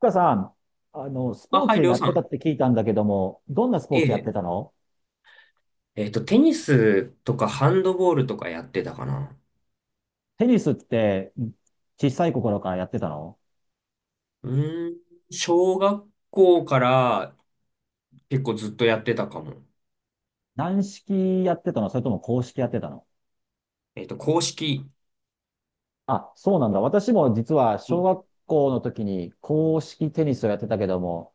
深さん、スあ、ポーはい、ツりょやうっさてたっん。て聞いたんだけども、どんなスポえーツやってえ。たの？テニスとかハンドボールとかやってたかな。テニスって小さい頃からやってたの？うーん、小学校から結構ずっとやってたかも。軟式やってたの、それとも硬式やってたの？公式。あ、そうなんだ。私も実はう小ん。学校の時に硬式テニスをやってたけども、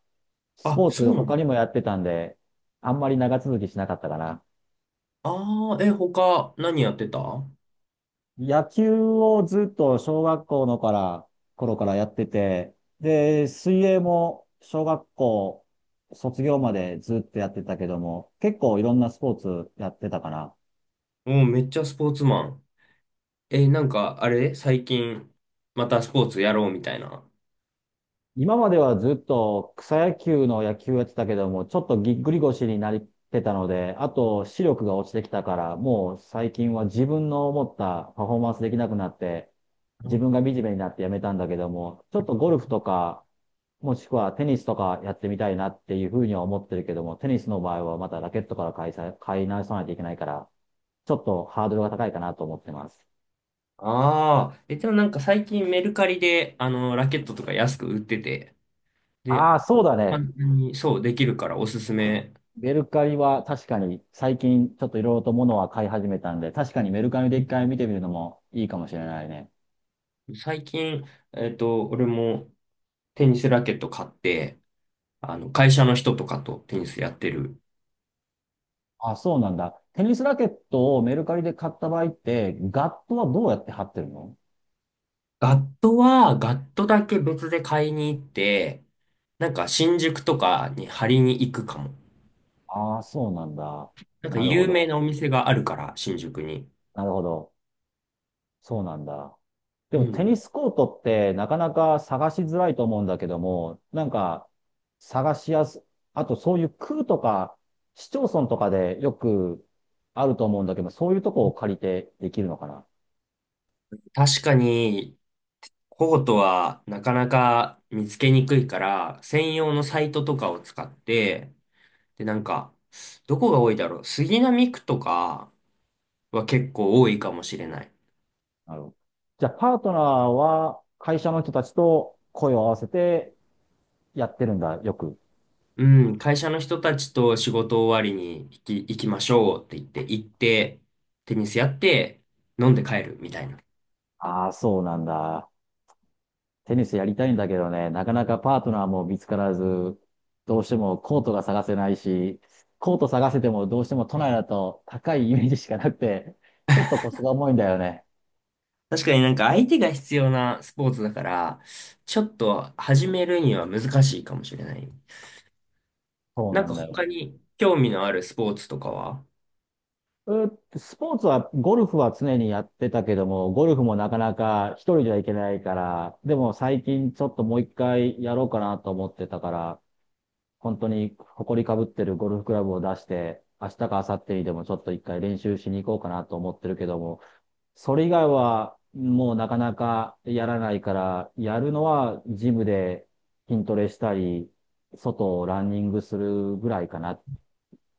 スあ、ポーそツうなの。他にもやってたんで、あんまり長続きしなかったかな。ああ、他何やってたも。野球をずっと小学校のから頃からやってて、で、水泳も小学校卒業までずっとやってたけども、結構いろんなスポーツやってたかな。めっちゃスポーツマン。なんか、あれ最近、またスポーツやろうみたいな。今まではずっと草野球の野球やってたけども、ちょっとぎっくり腰になってたので、あと視力が落ちてきたから、もう最近は自分の思ったパフォーマンスできなくなって、自分があ惨めになってやめたんだけども、ちょっとゴルフとか、もしくはテニスとかやってみたいなっていうふうには思ってるけども、テニスの場合はまたラケットから買い直さないといけないから、ちょっとハードルが高いかなと思ってます。あー、でもなんか最近メルカリで、ラケットとか安く売ってて、で、ああ、そうだね。簡単に、そう、できるからおすすめ。メルカリは確かに最近ちょっといろいろと物は買い始めたんで、確かにメルカリで一回見てみるのもいいかもしれないね。最近、俺もテニスラケット買って、会社の人とかとテニスやってる。あ、そうなんだ。テニスラケットをメルカリで買った場合って、ガットはどうやって貼ってるの？ガットだけ別で買いに行って、なんか新宿とかに張りに行くかも。ああー、そうなんだ。なんかなるほ有名ど。なお店があるから、新宿に。なるほど。そうなんだ。でうもテニん。スコートってなかなか探しづらいと思うんだけども、なんか探しやす、あとそういう区とか市町村とかでよくあると思うんだけど、そういうとこを借りてできるのかな。確かに、コートはなかなか見つけにくいから、専用のサイトとかを使って、で、なんか、どこが多いだろう。杉並区とかは結構多いかもしれない。なるほど。じゃあパートナーは会社の人たちと声を合わせてやってるんだ、よく。うん、会社の人たちと仕事終わりに行きましょうって言って、行って、テニスやって、飲んで帰るみたいな。ああ、そうなんだ。テニスやりたいんだけどね、なかなかパートナーも見つからず、どうしてもコートが探せないし、コート探せてもどうしても都内だと高いイメージしかなくて、ちょっと腰が重いんだよね。確かになんか相手が必要なスポーツだから、ちょっと始めるには難しいかもしれない。そうなんなかんだよ他ね。に興味のあるスポーツとかは？うスポーツは、ゴルフは常にやってたけども、ゴルフもなかなか一人じゃいけないから、でも最近ちょっともう一回やろうかなと思ってたから、本当に埃かぶってるゴルフクラブを出して、明日か明後日にでもちょっと一回練習しに行こうかなと思ってるけども、それ以外はもうなかなかやらないから、やるのはジムで筋トレしたり、外をランニングするぐらいかな、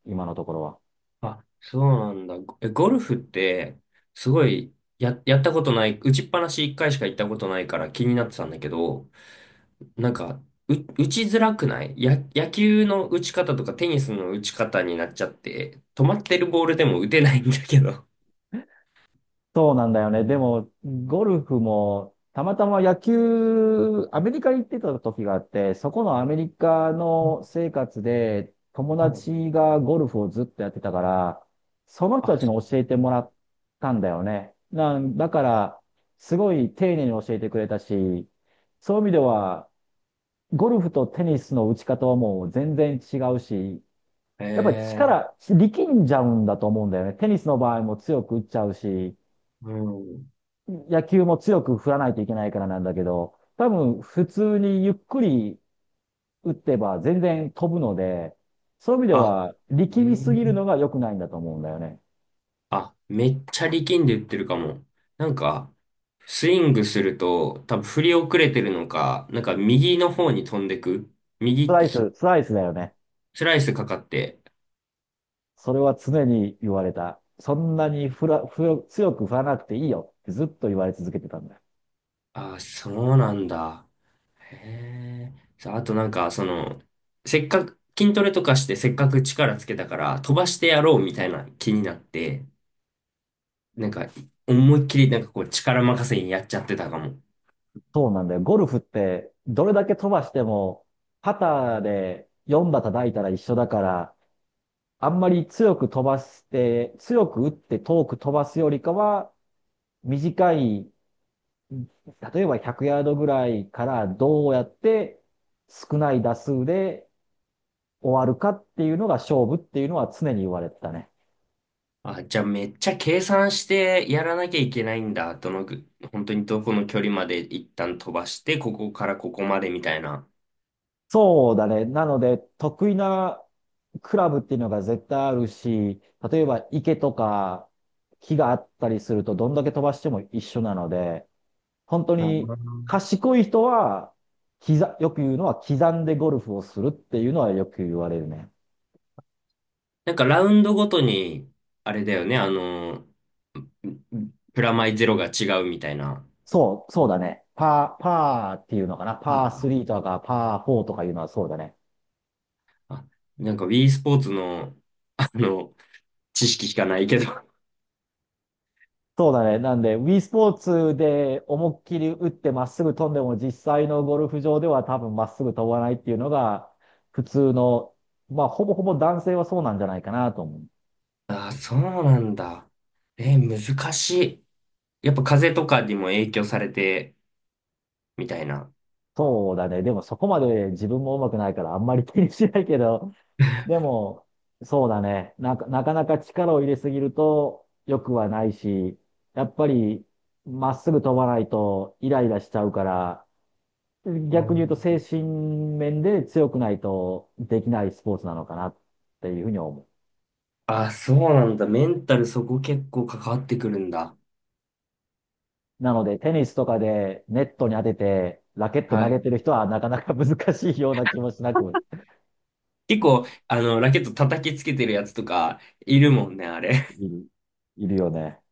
今のところは。あ、そうなんだ。ゴルフって、すごい、やったことない、打ちっぱなし一回しか行ったことないから気になってたんだけど、なんか、打ちづらくないや、野球の打ち方とかテニスの打ち方になっちゃって、止まってるボールでも打てないんだけど。そうなんだよね。でも、ゴルフも、たまたま野球、アメリカに行ってた時があって、そこのアメリカの生活で、友はい。達がゴルフをずっとやってたから、その人たあ、ちにそ教えてう。もらったんだよね。だから、すごい丁寧に教えてくれたし、そういう意味では、ゴルフとテニスの打ち方はもう全然違うし、へやっぱりえ、力んじゃうんだと思うんだよね。テニスの場合も強く打っちゃうし、うん。野球も強く振らないといけないからなんだけど、多分普通にゆっくり打ってば全然飛ぶので、そういう意味であ、はえ力みすぎるのーが良くないんだと思うんだよね。あ、めっちゃ力んで打ってるかも。なんか、スイングすると、多分振り遅れてるのか、なんか右の方に飛んでく。右き、スライスだよね。スライスかかって。それは常に言われた。そんなに振ら、振強く振らなくていいよってずっと言われ続けてたんだよ。あ、そうなんだ。へえ。さあ、あとなんか、せっかく、筋トレとかしてせっかく力つけたから飛ばしてやろうみたいな気になって、なんか思いっきりなんかこう力任せにやっちゃってたかも。そうなんだよ。ゴルフってどれだけ飛ばしても、パターで4打叩いたら一緒だから、あんまり強く飛ばして、強く打って遠く飛ばすよりかは、短い、例えば100ヤードぐらいからどうやって少ない打数で終わるかっていうのが勝負っていうのは常に言われてたね。あ、じゃあめっちゃ計算してやらなきゃいけないんだ。どのぐ、本当にどこの距離まで一旦飛ばして、ここからここまでみたいな。そうだね。なので、得意なクラブっていうのが絶対あるし、例えば池とか木があったりするとどんだけ飛ばしても一緒なので、本当あにー。賢い人は、よく言うのは刻んでゴルフをするっていうのはよく言われるね。なんかラウンドごとに、あれだよね、プラマイゼロが違うみたいな。そうだね。パーっていうのかな。パーあ3とかパー4とかいうのはそうだね。あ、なんかウィースポーツの、あの、知識しかないけど。そうだね。なんで、ウィースポーツで思いっきり打ってまっすぐ飛んでも実際のゴルフ場では多分まっすぐ飛ばないっていうのが普通の、まあほぼほぼ男性はそうなんじゃないかなと思う。ああ、そうなんだ。難しい。やっぱ風邪とかにも影響されて、みたいな。そうだね。でもそこまで自分も上手くないからあんまり気にしないけど、でも、そうだね。なかなか力を入れすぎると良くはないし、やっぱりまっすぐ飛ばないとイライラしちゃうから、逆に言うとあ精神面で強くないとできないスポーツなのかなっていうふうに思う。あ、そうなんだ。メンタルそこ結構関わってくるんだ。なので、テニスとかでネットに当てて、ラケットは投げい。てる人はなかなか難しいような気もしなく結構、ラケット叩きつけてるやつとか、いるもんね、あれ。いる、いるよね。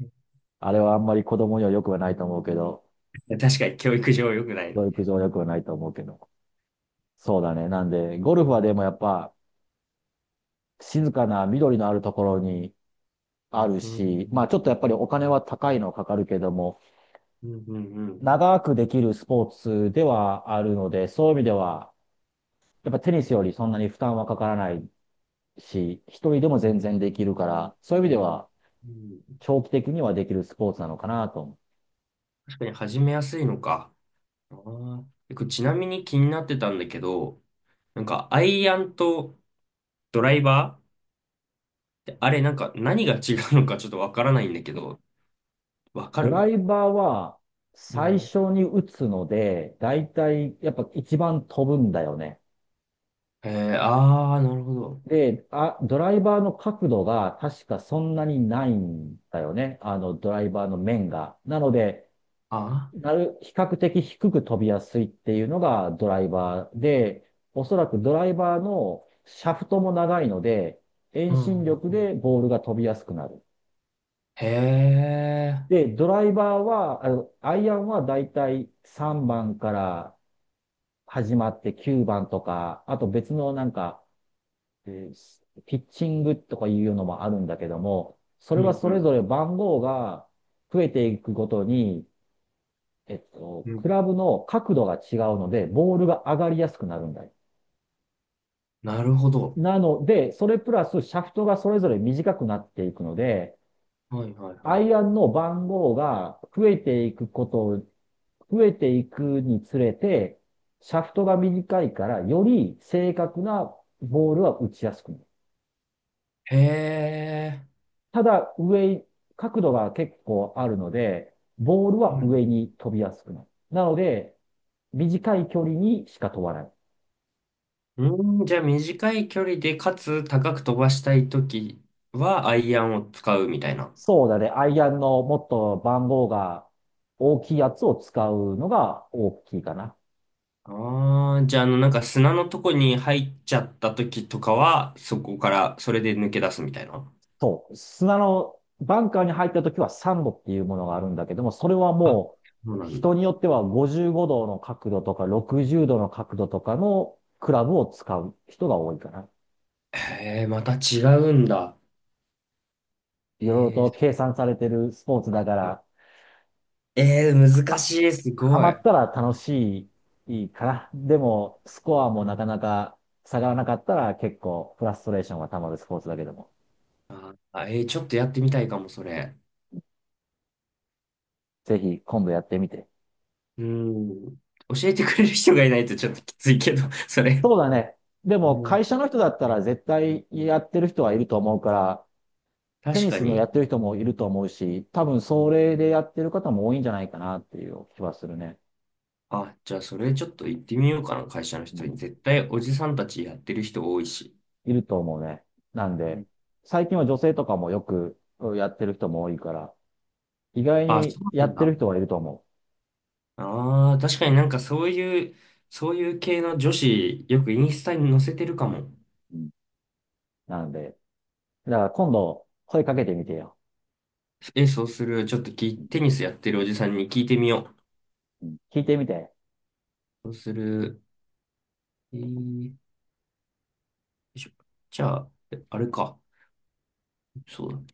あれはあんまり子供には良くはないと思うけど、確かに教育上良くない。教育上良くはないと思うけど。そうだね。なんで、ゴルフはでもやっぱ静かな緑のあるところにあるうん、し、まあちょっとやっぱりお金は高いのかかるけども、うん、うん、うん。長くできるスポーツではあるので、そういう意味では、やっぱテニスよりそんなに負担はかからないし、一人でも全然できるから、そういう意味ではうん。長期的にはできるスポーツなのかなと思う。確かに始めやすいのか。あー。これちなみに気になってたんだけど、なんか、アイアンとドライバーってあれ、なんか、何が違うのかちょっとわからないんだけど、わかドラる？イバーはう最ん。初に打つので、だいたいやっぱ一番飛ぶんだよね。へえ、ああ、なるほど。で、あ、ドライバーの角度が確かそんなにないんだよね。あの、ドライバーの面が。なので、あ比較的低く飛びやすいっていうのがドライバーで、おそらくドライバーのシャフトも長いので、あ、遠う心力ん。でボールが飛びやすくなる。へえ、で、ドライバーは、あの、アイアンはだいたい3番から始まって9番とか、あと別のなんか、ピッチングとかいうのもあるんだけども、そうれはんそうれん。ぞれ番号が増えていくごとに、うクん。ラブの角度が違うので、ボールが上がりやすくなるんだよ。なるほど。なので、それプラスシャフトがそれぞれ短くなっていくので、はいはいアはい。イアンの番号が増えていくことを、増えていくにつれて、シャフトが短いから、より正確なボールは打ちやすくなる。へえ、ただ上、角度が結構あるので、ボールうは上ん。に飛びやすくなる。なので、短い距離にしか飛ばない。うん、じゃあ短い距離で、かつ高く飛ばしたいときは、アイアンを使うみたいな。そうだね。アイアンのもっと番号が大きいやつを使うのが大きいかな。ああ、じゃあ、なんか砂のとこに入っちゃった時とかは、そこから、それで抜け出すみたいな。そう。砂のバンカーに入った時はサンドっていうものがあるんだけども、それはあ、もそううなん人だ。によっては55度の角度とか60度の角度とかのクラブを使う人が多いかな。へえ、また違うんだ。いろいろとえ計算されてるスポーツだから、ー、えー、難しは、い、すはごまい。ったら楽しいかな。でも、スコアもうなかん。なか下がらなかったら結構フラストレーションが溜まるスポーツだけども。あ、ちょっとやってみたいかも、それ。ぜひ今度やってみて。うん。教えてくれる人がいないとちょっときついけど、それ。そうだね。でうもん。会社の人だったら絶対やってる人はいると思うから、テ確ニかスのやに。ってる人もいると思うし、多分それでやってる方も多いんじゃないかなっていう気はするね。あ、じゃあ、それちょっと行ってみようかな、会社のう人に。ん。絶対、おじさんたちやってる人多いし。いると思うね。なんうで、ん。最近は女性とかもよくやってる人も多いから、意外あ、にそうやなんってるだ。人はいると思ああ、確う。かうにん。なんかそういう系の女子、よくインスタに載せてるかも。うん。なので、だから今度声かけてみてよ。え、そうする。ちょっとテニスやってるおじさんに聞いてみようん、聞いてみて。う。そうする。よいしょ、じゃあ、あれか。そうだ。